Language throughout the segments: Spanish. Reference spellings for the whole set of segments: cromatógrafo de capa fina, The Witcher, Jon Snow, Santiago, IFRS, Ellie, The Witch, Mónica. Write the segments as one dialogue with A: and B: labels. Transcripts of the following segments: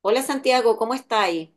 A: Hola Santiago, ¿cómo estáis?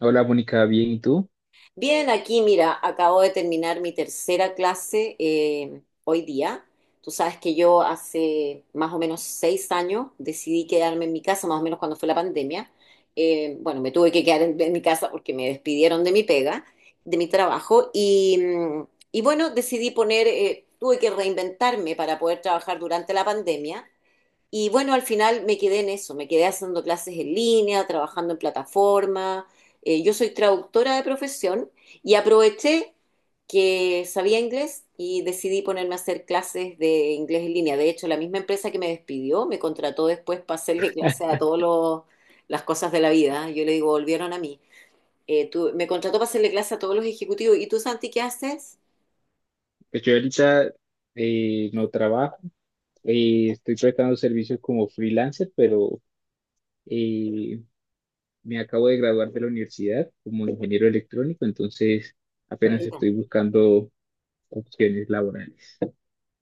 B: Hola, Mónica, bien, ¿y tú?
A: Bien, aquí mira, acabo de terminar mi tercera clase hoy día. Tú sabes que yo hace más o menos 6 años decidí quedarme en mi casa, más o menos cuando fue la pandemia. Bueno, me tuve que quedar en mi casa porque me despidieron de mi pega, de mi trabajo. Y bueno, decidí poner, tuve que reinventarme para poder trabajar durante la pandemia. Y bueno, al final me quedé en eso, me quedé haciendo clases en línea, trabajando en plataforma. Yo soy traductora de profesión y aproveché que sabía inglés y decidí ponerme a hacer clases de inglés en línea. De hecho, la misma empresa que me despidió me contrató después para hacerle clases a todas las cosas de la vida. Yo le digo, volvieron a mí. Me contrató para hacerle clases a todos los ejecutivos. ¿Y tú, Santi, qué haces?
B: Pues yo ahorita no trabajo. Estoy prestando servicios como freelancer, pero eh, me acabo de graduar de la universidad como ingeniero electrónico, entonces apenas estoy buscando opciones laborales.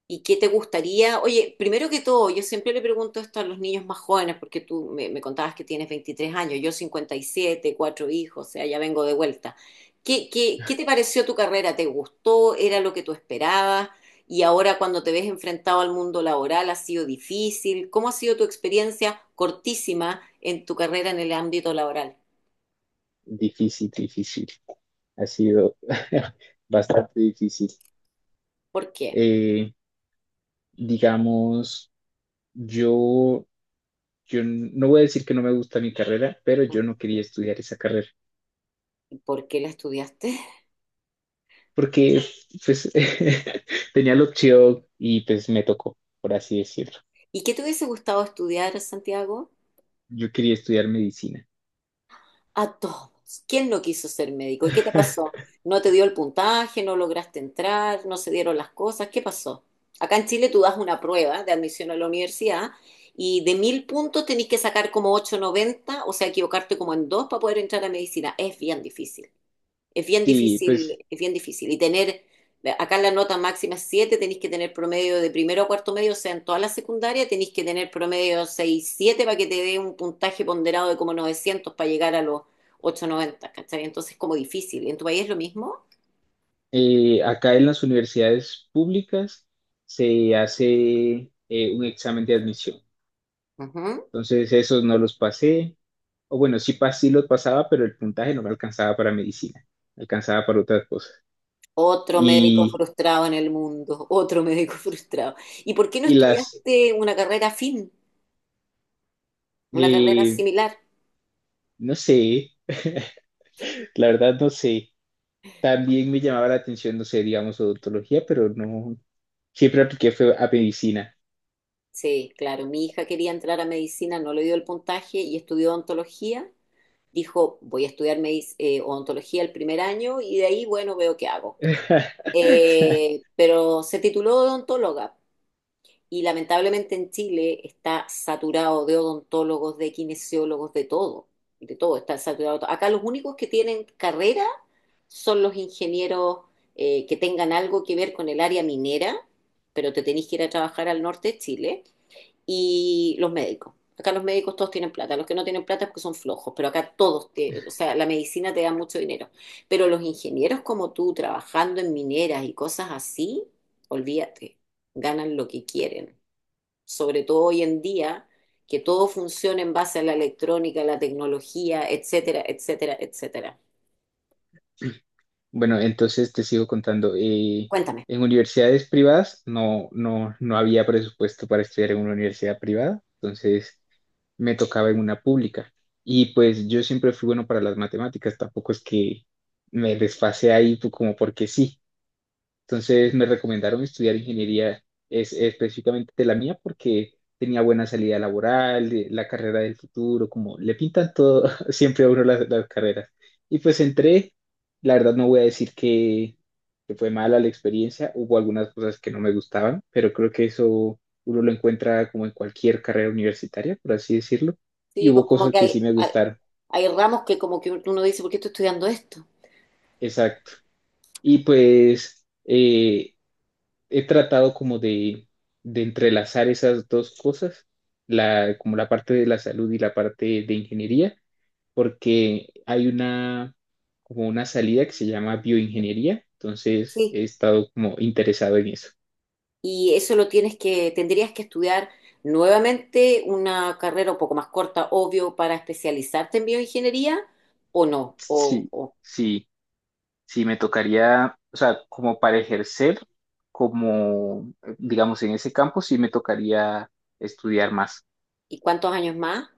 A: ¿Y qué te gustaría? Oye, primero que todo, yo siempre le pregunto esto a los niños más jóvenes, porque tú me contabas que tienes 23 años, yo 57, cuatro hijos, o sea, ya vengo de vuelta. ¿Qué te pareció tu carrera? ¿Te gustó? ¿Era lo que tú esperabas? Y ahora cuando te ves enfrentado al mundo laboral, ¿ha sido difícil? ¿Cómo ha sido tu experiencia cortísima en tu carrera en el ámbito laboral?
B: Difícil, difícil. Ha sido bastante difícil.
A: ¿Por qué?
B: Eh, digamos, yo, yo no voy a decir que no me gusta mi carrera, pero yo no quería estudiar esa carrera.
A: ¿Por qué la estudiaste?
B: Porque pues tenía la opción y pues me tocó, por así decirlo.
A: ¿Y qué te hubiese gustado estudiar, Santiago?
B: Yo quería estudiar medicina.
A: A todos. ¿Quién no quiso ser médico? ¿Y qué te pasó? ¿No te dio el puntaje? ¿No lograste entrar? ¿No se dieron las cosas? ¿Qué pasó? Acá en Chile tú das una prueba de admisión a la universidad y de 1.000 puntos tenés que sacar como 890, o sea, equivocarte como en dos para poder entrar a medicina. Es bien difícil. Es bien
B: Sí, pues
A: difícil, es bien difícil. Y tener, acá la nota máxima es siete, tenéis que tener promedio de primero a cuarto medio, o sea, en toda la secundaria tenéis que tener promedio 6 7 para que te dé un puntaje ponderado de como 900 para llegar a los 890, ¿cachai? Entonces es como difícil. ¿En tu país es lo mismo?
B: acá en las universidades públicas se hace un examen de admisión.
A: Ujú.
B: Entonces esos no los pasé, o bueno, sí, sí los pasaba, pero el puntaje no me alcanzaba para medicina, me alcanzaba para otras cosas.
A: Otro médico
B: Y,
A: frustrado en el mundo, otro médico frustrado. ¿Y por qué no
B: y las,
A: estudiaste una carrera afín, una carrera
B: eh,
A: similar?
B: no sé, la verdad no sé. También me llamaba la atención, no sé, digamos, odontología, pero no, siempre apliqué fue a medicina.
A: Sí, claro, mi hija quería entrar a medicina, no le dio el puntaje y estudió odontología, dijo, voy a estudiar odontología el primer año y de ahí, bueno, veo qué hago. Pero se tituló odontóloga y lamentablemente en Chile está saturado de odontólogos, de kinesiólogos, de todo, está saturado. Acá los únicos que tienen carrera son los ingenieros que tengan algo que ver con el área minera, pero te tenés que ir a trabajar al norte de Chile y los médicos. Acá los médicos todos tienen plata, los que no tienen plata es porque son flojos, pero acá todos, o sea, la medicina te da mucho dinero. Pero los ingenieros como tú, trabajando en mineras y cosas así, olvídate, ganan lo que quieren. Sobre todo hoy en día, que todo funciona en base a la electrónica, la tecnología, etcétera, etcétera, etcétera.
B: Bueno, entonces te sigo contando.
A: Cuéntame.
B: En universidades privadas no había presupuesto para estudiar en una universidad privada, entonces me tocaba en una pública. Y pues yo siempre fui bueno para las matemáticas, tampoco es que me desfase ahí como porque sí. Entonces me recomendaron estudiar ingeniería específicamente de la mía porque tenía buena salida laboral, la carrera del futuro, como le pintan todo siempre a uno las carreras. Y pues entré, la verdad no voy a decir que fue mala la experiencia, hubo algunas cosas que no me gustaban, pero creo que eso uno lo encuentra como en cualquier carrera universitaria, por así decirlo, y
A: Sí, pues
B: hubo
A: como
B: cosas
A: que
B: que
A: hay,
B: sí me
A: hay,
B: gustaron,
A: hay ramos que como que uno dice, ¿por qué estoy estudiando esto?
B: exacto. Y pues... he tratado como de entrelazar esas dos cosas, como la parte de la salud y la parte de ingeniería, porque hay como una salida que se llama bioingeniería, entonces
A: Sí.
B: he estado como interesado en eso.
A: Y eso lo tendrías que estudiar nuevamente una carrera un poco más corta, obvio, para especializarte en bioingeniería o no.
B: Sí, sí, sí, me tocaría, o sea, como para ejercer, como, digamos, en ese campo, sí me tocaría estudiar más.
A: ¿Y cuántos años más?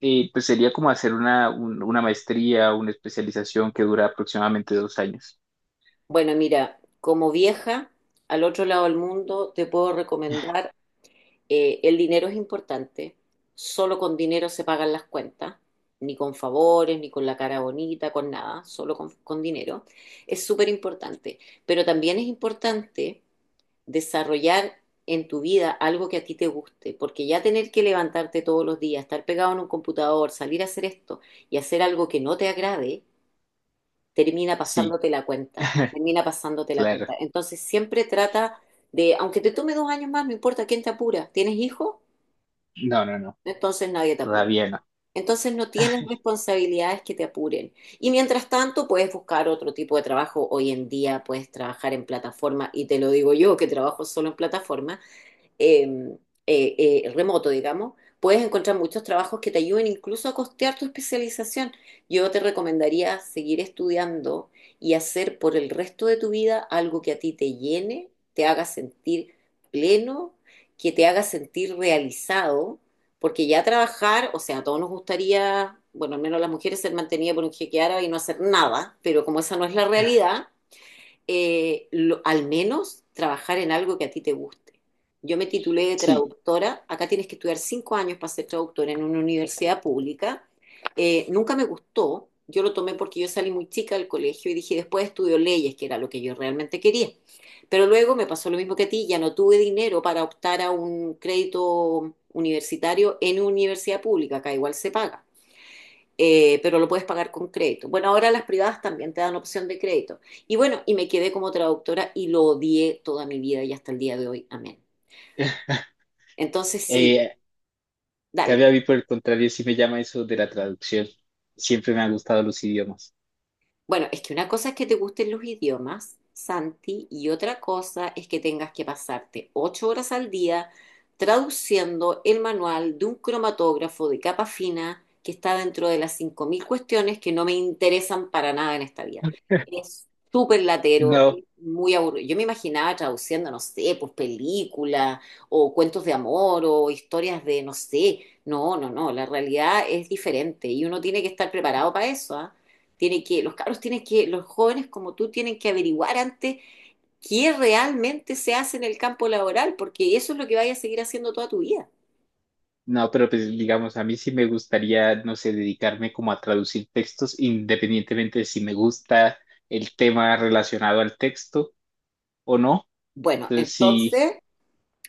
B: Pues sería como hacer una maestría, una especialización que dura aproximadamente 2 años.
A: Bueno, mira, como vieja al otro lado del mundo te puedo recomendar, el dinero es importante, solo con dinero se pagan las cuentas. Ni con favores, ni con la cara bonita, con nada, solo con dinero. Es súper importante. Pero también es importante desarrollar en tu vida algo que a ti te guste, porque ya tener que levantarte todos los días, estar pegado en un computador, salir a hacer esto y hacer algo que no te agrade, termina
B: Sí,
A: pasándote la cuenta, termina pasándote la
B: claro.
A: cuenta. Entonces siempre trata de, aunque te tome 2 años más, no importa quién te apura, ¿tienes hijos?
B: No, no, no,
A: Entonces nadie te apura.
B: todavía no.
A: Entonces no tienes responsabilidades que te apuren. Y mientras tanto puedes buscar otro tipo de trabajo. Hoy en día puedes trabajar en plataforma y te lo digo yo que trabajo solo en plataforma eh, remoto, digamos, puedes encontrar muchos trabajos que te ayuden incluso a costear tu especialización. Yo te recomendaría seguir estudiando y hacer por el resto de tu vida algo que a ti te llene, te haga sentir pleno, que te haga sentir realizado, porque ya trabajar, o sea, a todos nos gustaría, bueno, al menos las mujeres ser mantenidas por un jeque árabe y no hacer nada, pero como esa no es la realidad, al menos trabajar en algo que a ti te guste. Yo me titulé de
B: Sí.
A: traductora, acá tienes que estudiar 5 años para ser traductora en una universidad pública. Nunca me gustó, yo lo tomé porque yo salí muy chica del colegio y dije, después estudio leyes, que era lo que yo realmente quería. Pero luego me pasó lo mismo que a ti, ya no tuve dinero para optar a un crédito universitario en universidad pública, acá igual se paga pero lo puedes pagar con crédito. Bueno, ahora las privadas también te dan opción de crédito. Y bueno, me quedé como traductora y lo odié toda mi vida y hasta el día de hoy. Amén. Entonces, sí,
B: Eh,
A: dale.
B: Cambio a mí por el contrario, sí me llama eso de la traducción. Siempre me han gustado los idiomas.
A: Bueno, es que una cosa es que te gusten los idiomas, Santi, y otra cosa es que tengas que pasarte 8 horas al día traduciendo el manual de un cromatógrafo de capa fina que está dentro de las 5.000 cuestiones que no me interesan para nada en esta vida. Es súper latero,
B: No,
A: es muy aburrido. Yo me imaginaba traduciendo, no sé, pues películas o cuentos de amor o historias de, no sé. No, no, no, la realidad es diferente y uno tiene que estar preparado para eso, ¿ah? Tiene que, los cabros tienen que, los jóvenes como tú tienen que averiguar antes qué realmente se hace en el campo laboral, porque eso es lo que vayas a seguir haciendo toda tu vida.
B: no, pero pues digamos, a mí sí me gustaría, no sé, dedicarme como a traducir textos independientemente de si me gusta el tema relacionado al texto o no.
A: Bueno,
B: Entonces sí,
A: entonces,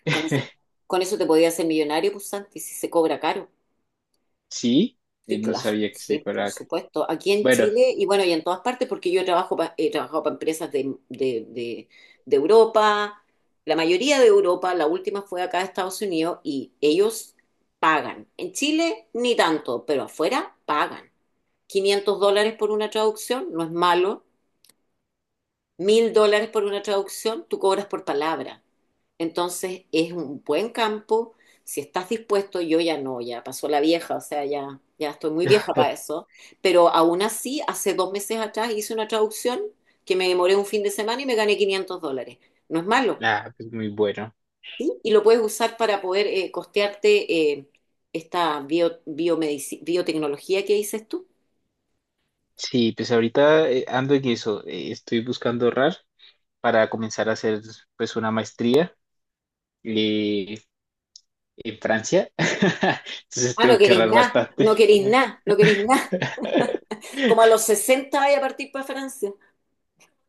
A: con eso, con eso te podías hacer millonario, pues Santi, si se cobra caro.
B: sí,
A: Sí,
B: no
A: claro,
B: sabía que se
A: sí, por
B: fuera.
A: supuesto. Aquí en
B: Bueno,
A: Chile y bueno, y en todas partes, porque yo trabajo he trabajado para empresas de Europa, la mayoría de Europa, la última fue acá de Estados Unidos y ellos pagan. En Chile ni tanto, pero afuera pagan. 500 dólares por una traducción, no es malo. 1.000 dólares por una traducción, tú cobras por palabra. Entonces es un buen campo. Si estás dispuesto, yo ya no, ya pasó la vieja, o sea, ya estoy muy vieja para eso. Pero aún así, hace 2 meses atrás hice una traducción que me demoré un fin de semana y me gané 500 dólares. No es malo.
B: ah, pues muy bueno.
A: ¿Sí? Y lo puedes usar para poder costearte esta biotecnología que dices tú.
B: Sí, pues ahorita ando en eso. Estoy buscando ahorrar para comenzar a hacer pues una maestría eh, en Francia. Entonces
A: Ah, no
B: tengo que
A: queréis
B: ahorrar
A: nada, no
B: bastante.
A: queréis nada, no queréis nada. Como a los 60 vaya a partir para Francia.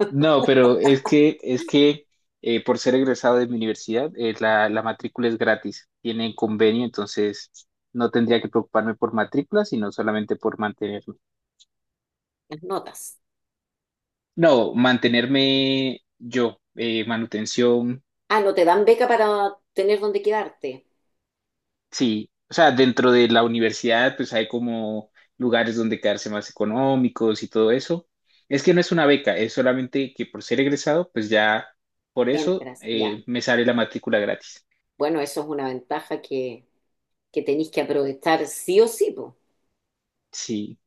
B: No, pero es que por ser egresado de mi universidad, la matrícula es gratis. Tienen convenio, entonces no tendría que preocuparme por matrícula, sino solamente por mantenerme.
A: Las notas.
B: No, mantenerme yo, manutención.
A: Ah, no te dan beca para tener donde quedarte.
B: Sí, o sea, dentro de la universidad, pues hay como lugares donde quedarse más económicos y todo eso. Es que no es una beca, es solamente que por ser egresado, pues ya por eso
A: Entras, ya.
B: me sale la matrícula gratis.
A: Bueno, eso es una ventaja que tenéis que aprovechar sí o sí, po.
B: Sí,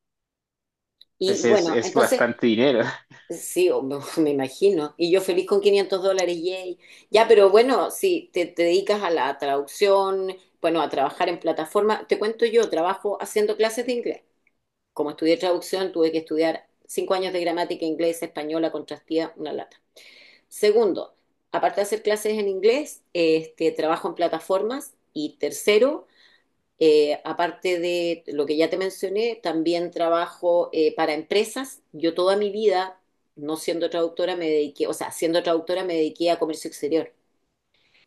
A: Y
B: pues
A: bueno,
B: es
A: entonces,
B: bastante dinero.
A: sí, me imagino. Y yo feliz con 500 dólares, yay. Ya, pero bueno, si te dedicas a la traducción, bueno, a trabajar en plataforma, te cuento yo, trabajo haciendo clases de inglés. Como estudié traducción, tuve que estudiar 5 años de gramática inglesa, española, contrastía, una lata. Segundo, aparte de hacer clases en inglés, trabajo en plataformas. Y tercero, aparte de lo que ya te mencioné, también trabajo para empresas. Yo toda mi vida, no siendo traductora, me dediqué, o sea, siendo traductora me dediqué a comercio exterior.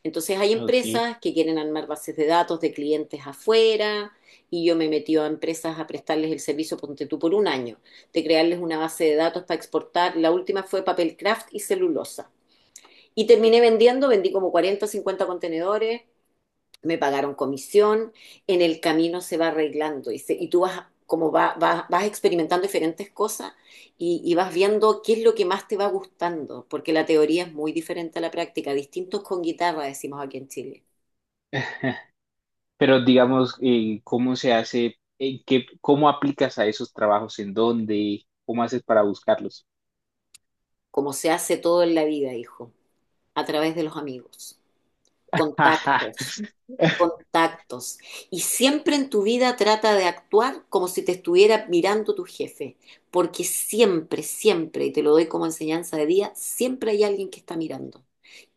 A: Entonces hay
B: Ok.
A: empresas que quieren armar bases de datos de clientes afuera y yo me metí a empresas a prestarles el servicio, ponte tú, por un año, de crearles una base de datos para exportar. La última fue papel craft y celulosa. Y terminé vendiendo, vendí como 40 o 50 contenedores, me pagaron comisión, en el camino se va arreglando y, y tú vas como vas experimentando diferentes cosas y vas viendo qué es lo que más te va gustando, porque la teoría es muy diferente a la práctica, distintos con guitarra, decimos aquí en Chile,
B: Pero digamos, ¿cómo se hace? ¿En qué, cómo aplicas a esos trabajos? ¿En dónde? ¿Cómo haces para buscarlos?
A: como se hace todo en la vida, hijo, a través de los amigos, contactos. Contactos. Y siempre en tu vida trata de actuar como si te estuviera mirando tu jefe, porque siempre, siempre, y te lo doy como enseñanza de día, siempre hay alguien que está mirando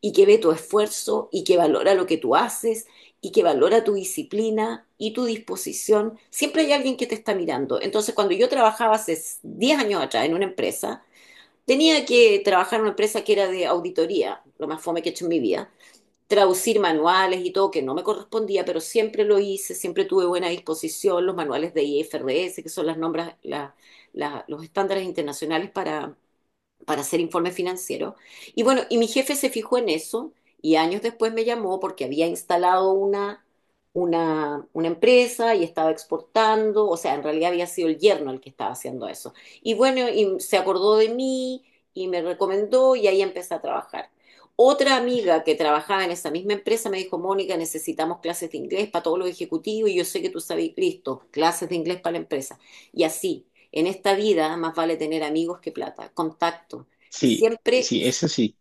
A: y que ve tu esfuerzo y que valora lo que tú haces y que valora tu disciplina y tu disposición. Siempre hay alguien que te está mirando. Entonces, cuando yo trabajaba hace 10 años atrás en una empresa, tenía que trabajar en una empresa que era de auditoría, lo más fome que he hecho en mi vida traducir manuales y todo, que no me correspondía, pero siempre lo hice, siempre tuve buena disposición, los manuales de IFRS, que son las nombras, los estándares internacionales para hacer informe financiero. Y bueno, y mi jefe se fijó en eso y años después me llamó porque había instalado una empresa y estaba exportando, o sea, en realidad había sido el yerno el que estaba haciendo eso. Y bueno, se acordó de mí y me recomendó y ahí empecé a trabajar. Otra amiga que trabajaba en esa misma empresa me dijo, Mónica, necesitamos clases de inglés para todos los ejecutivos y yo sé que tú sabes, listo, clases de inglés para la empresa. Y así, en esta vida más vale tener amigos que plata, contacto. Y
B: Sí,
A: siempre,
B: sí,
A: y,
B: eso sí,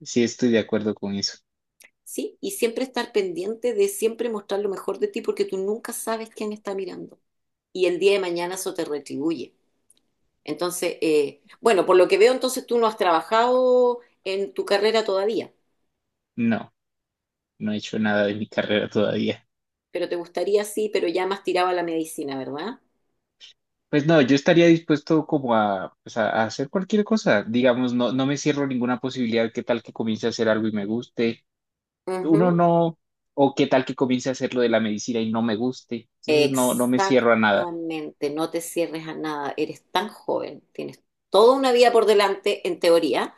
B: sí estoy de acuerdo con eso.
A: sí, y siempre estar pendiente de siempre mostrar lo mejor de ti porque tú nunca sabes quién está mirando. Y el día de mañana eso te retribuye. Entonces, bueno, por lo que veo, entonces tú no has trabajado en tu carrera todavía,
B: No. No he hecho nada de mi carrera todavía.
A: pero te gustaría sí, pero ya más tiraba la medicina, ¿verdad?
B: Pues no, yo estaría dispuesto como a, pues a hacer cualquier cosa. Digamos, no, no me cierro ninguna posibilidad. ¿Qué tal que comience a hacer algo y me guste? Uno
A: Ujú.
B: no, o qué tal que comience a hacer lo de la medicina y no me guste. Entonces no, no me cierro a nada.
A: Exactamente, no te cierres a nada, eres tan joven, tienes toda una vida por delante en teoría.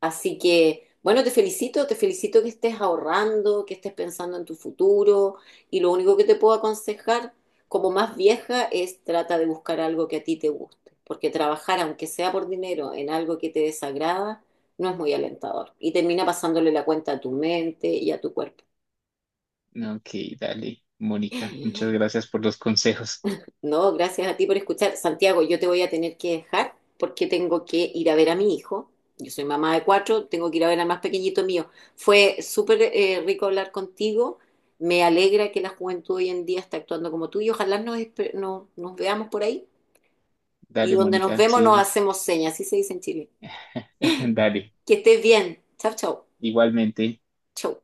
A: Así que, bueno, te felicito que estés ahorrando, que estés pensando en tu futuro y lo único que te puedo aconsejar como más vieja es trata de buscar algo que a ti te guste, porque trabajar, aunque sea por dinero, en algo que te desagrada, no es muy alentador y termina pasándole la cuenta a tu mente y a tu cuerpo.
B: No, ok, dale, Mónica. Muchas gracias por los consejos.
A: No, gracias a ti por escuchar. Santiago, yo te voy a tener que dejar porque tengo que ir a ver a mi hijo. Yo soy mamá de cuatro, tengo que ir a ver al más pequeñito mío. Fue súper rico hablar contigo. Me alegra que la juventud hoy en día está actuando como tú y ojalá nos, espe- no- nos veamos por ahí. Y
B: Dale,
A: donde nos
B: Mónica,
A: vemos nos
B: seguimos.
A: hacemos señas, así se dice en Chile.
B: Dale,
A: Que estés bien. Chau, chau,
B: igualmente.
A: Chau.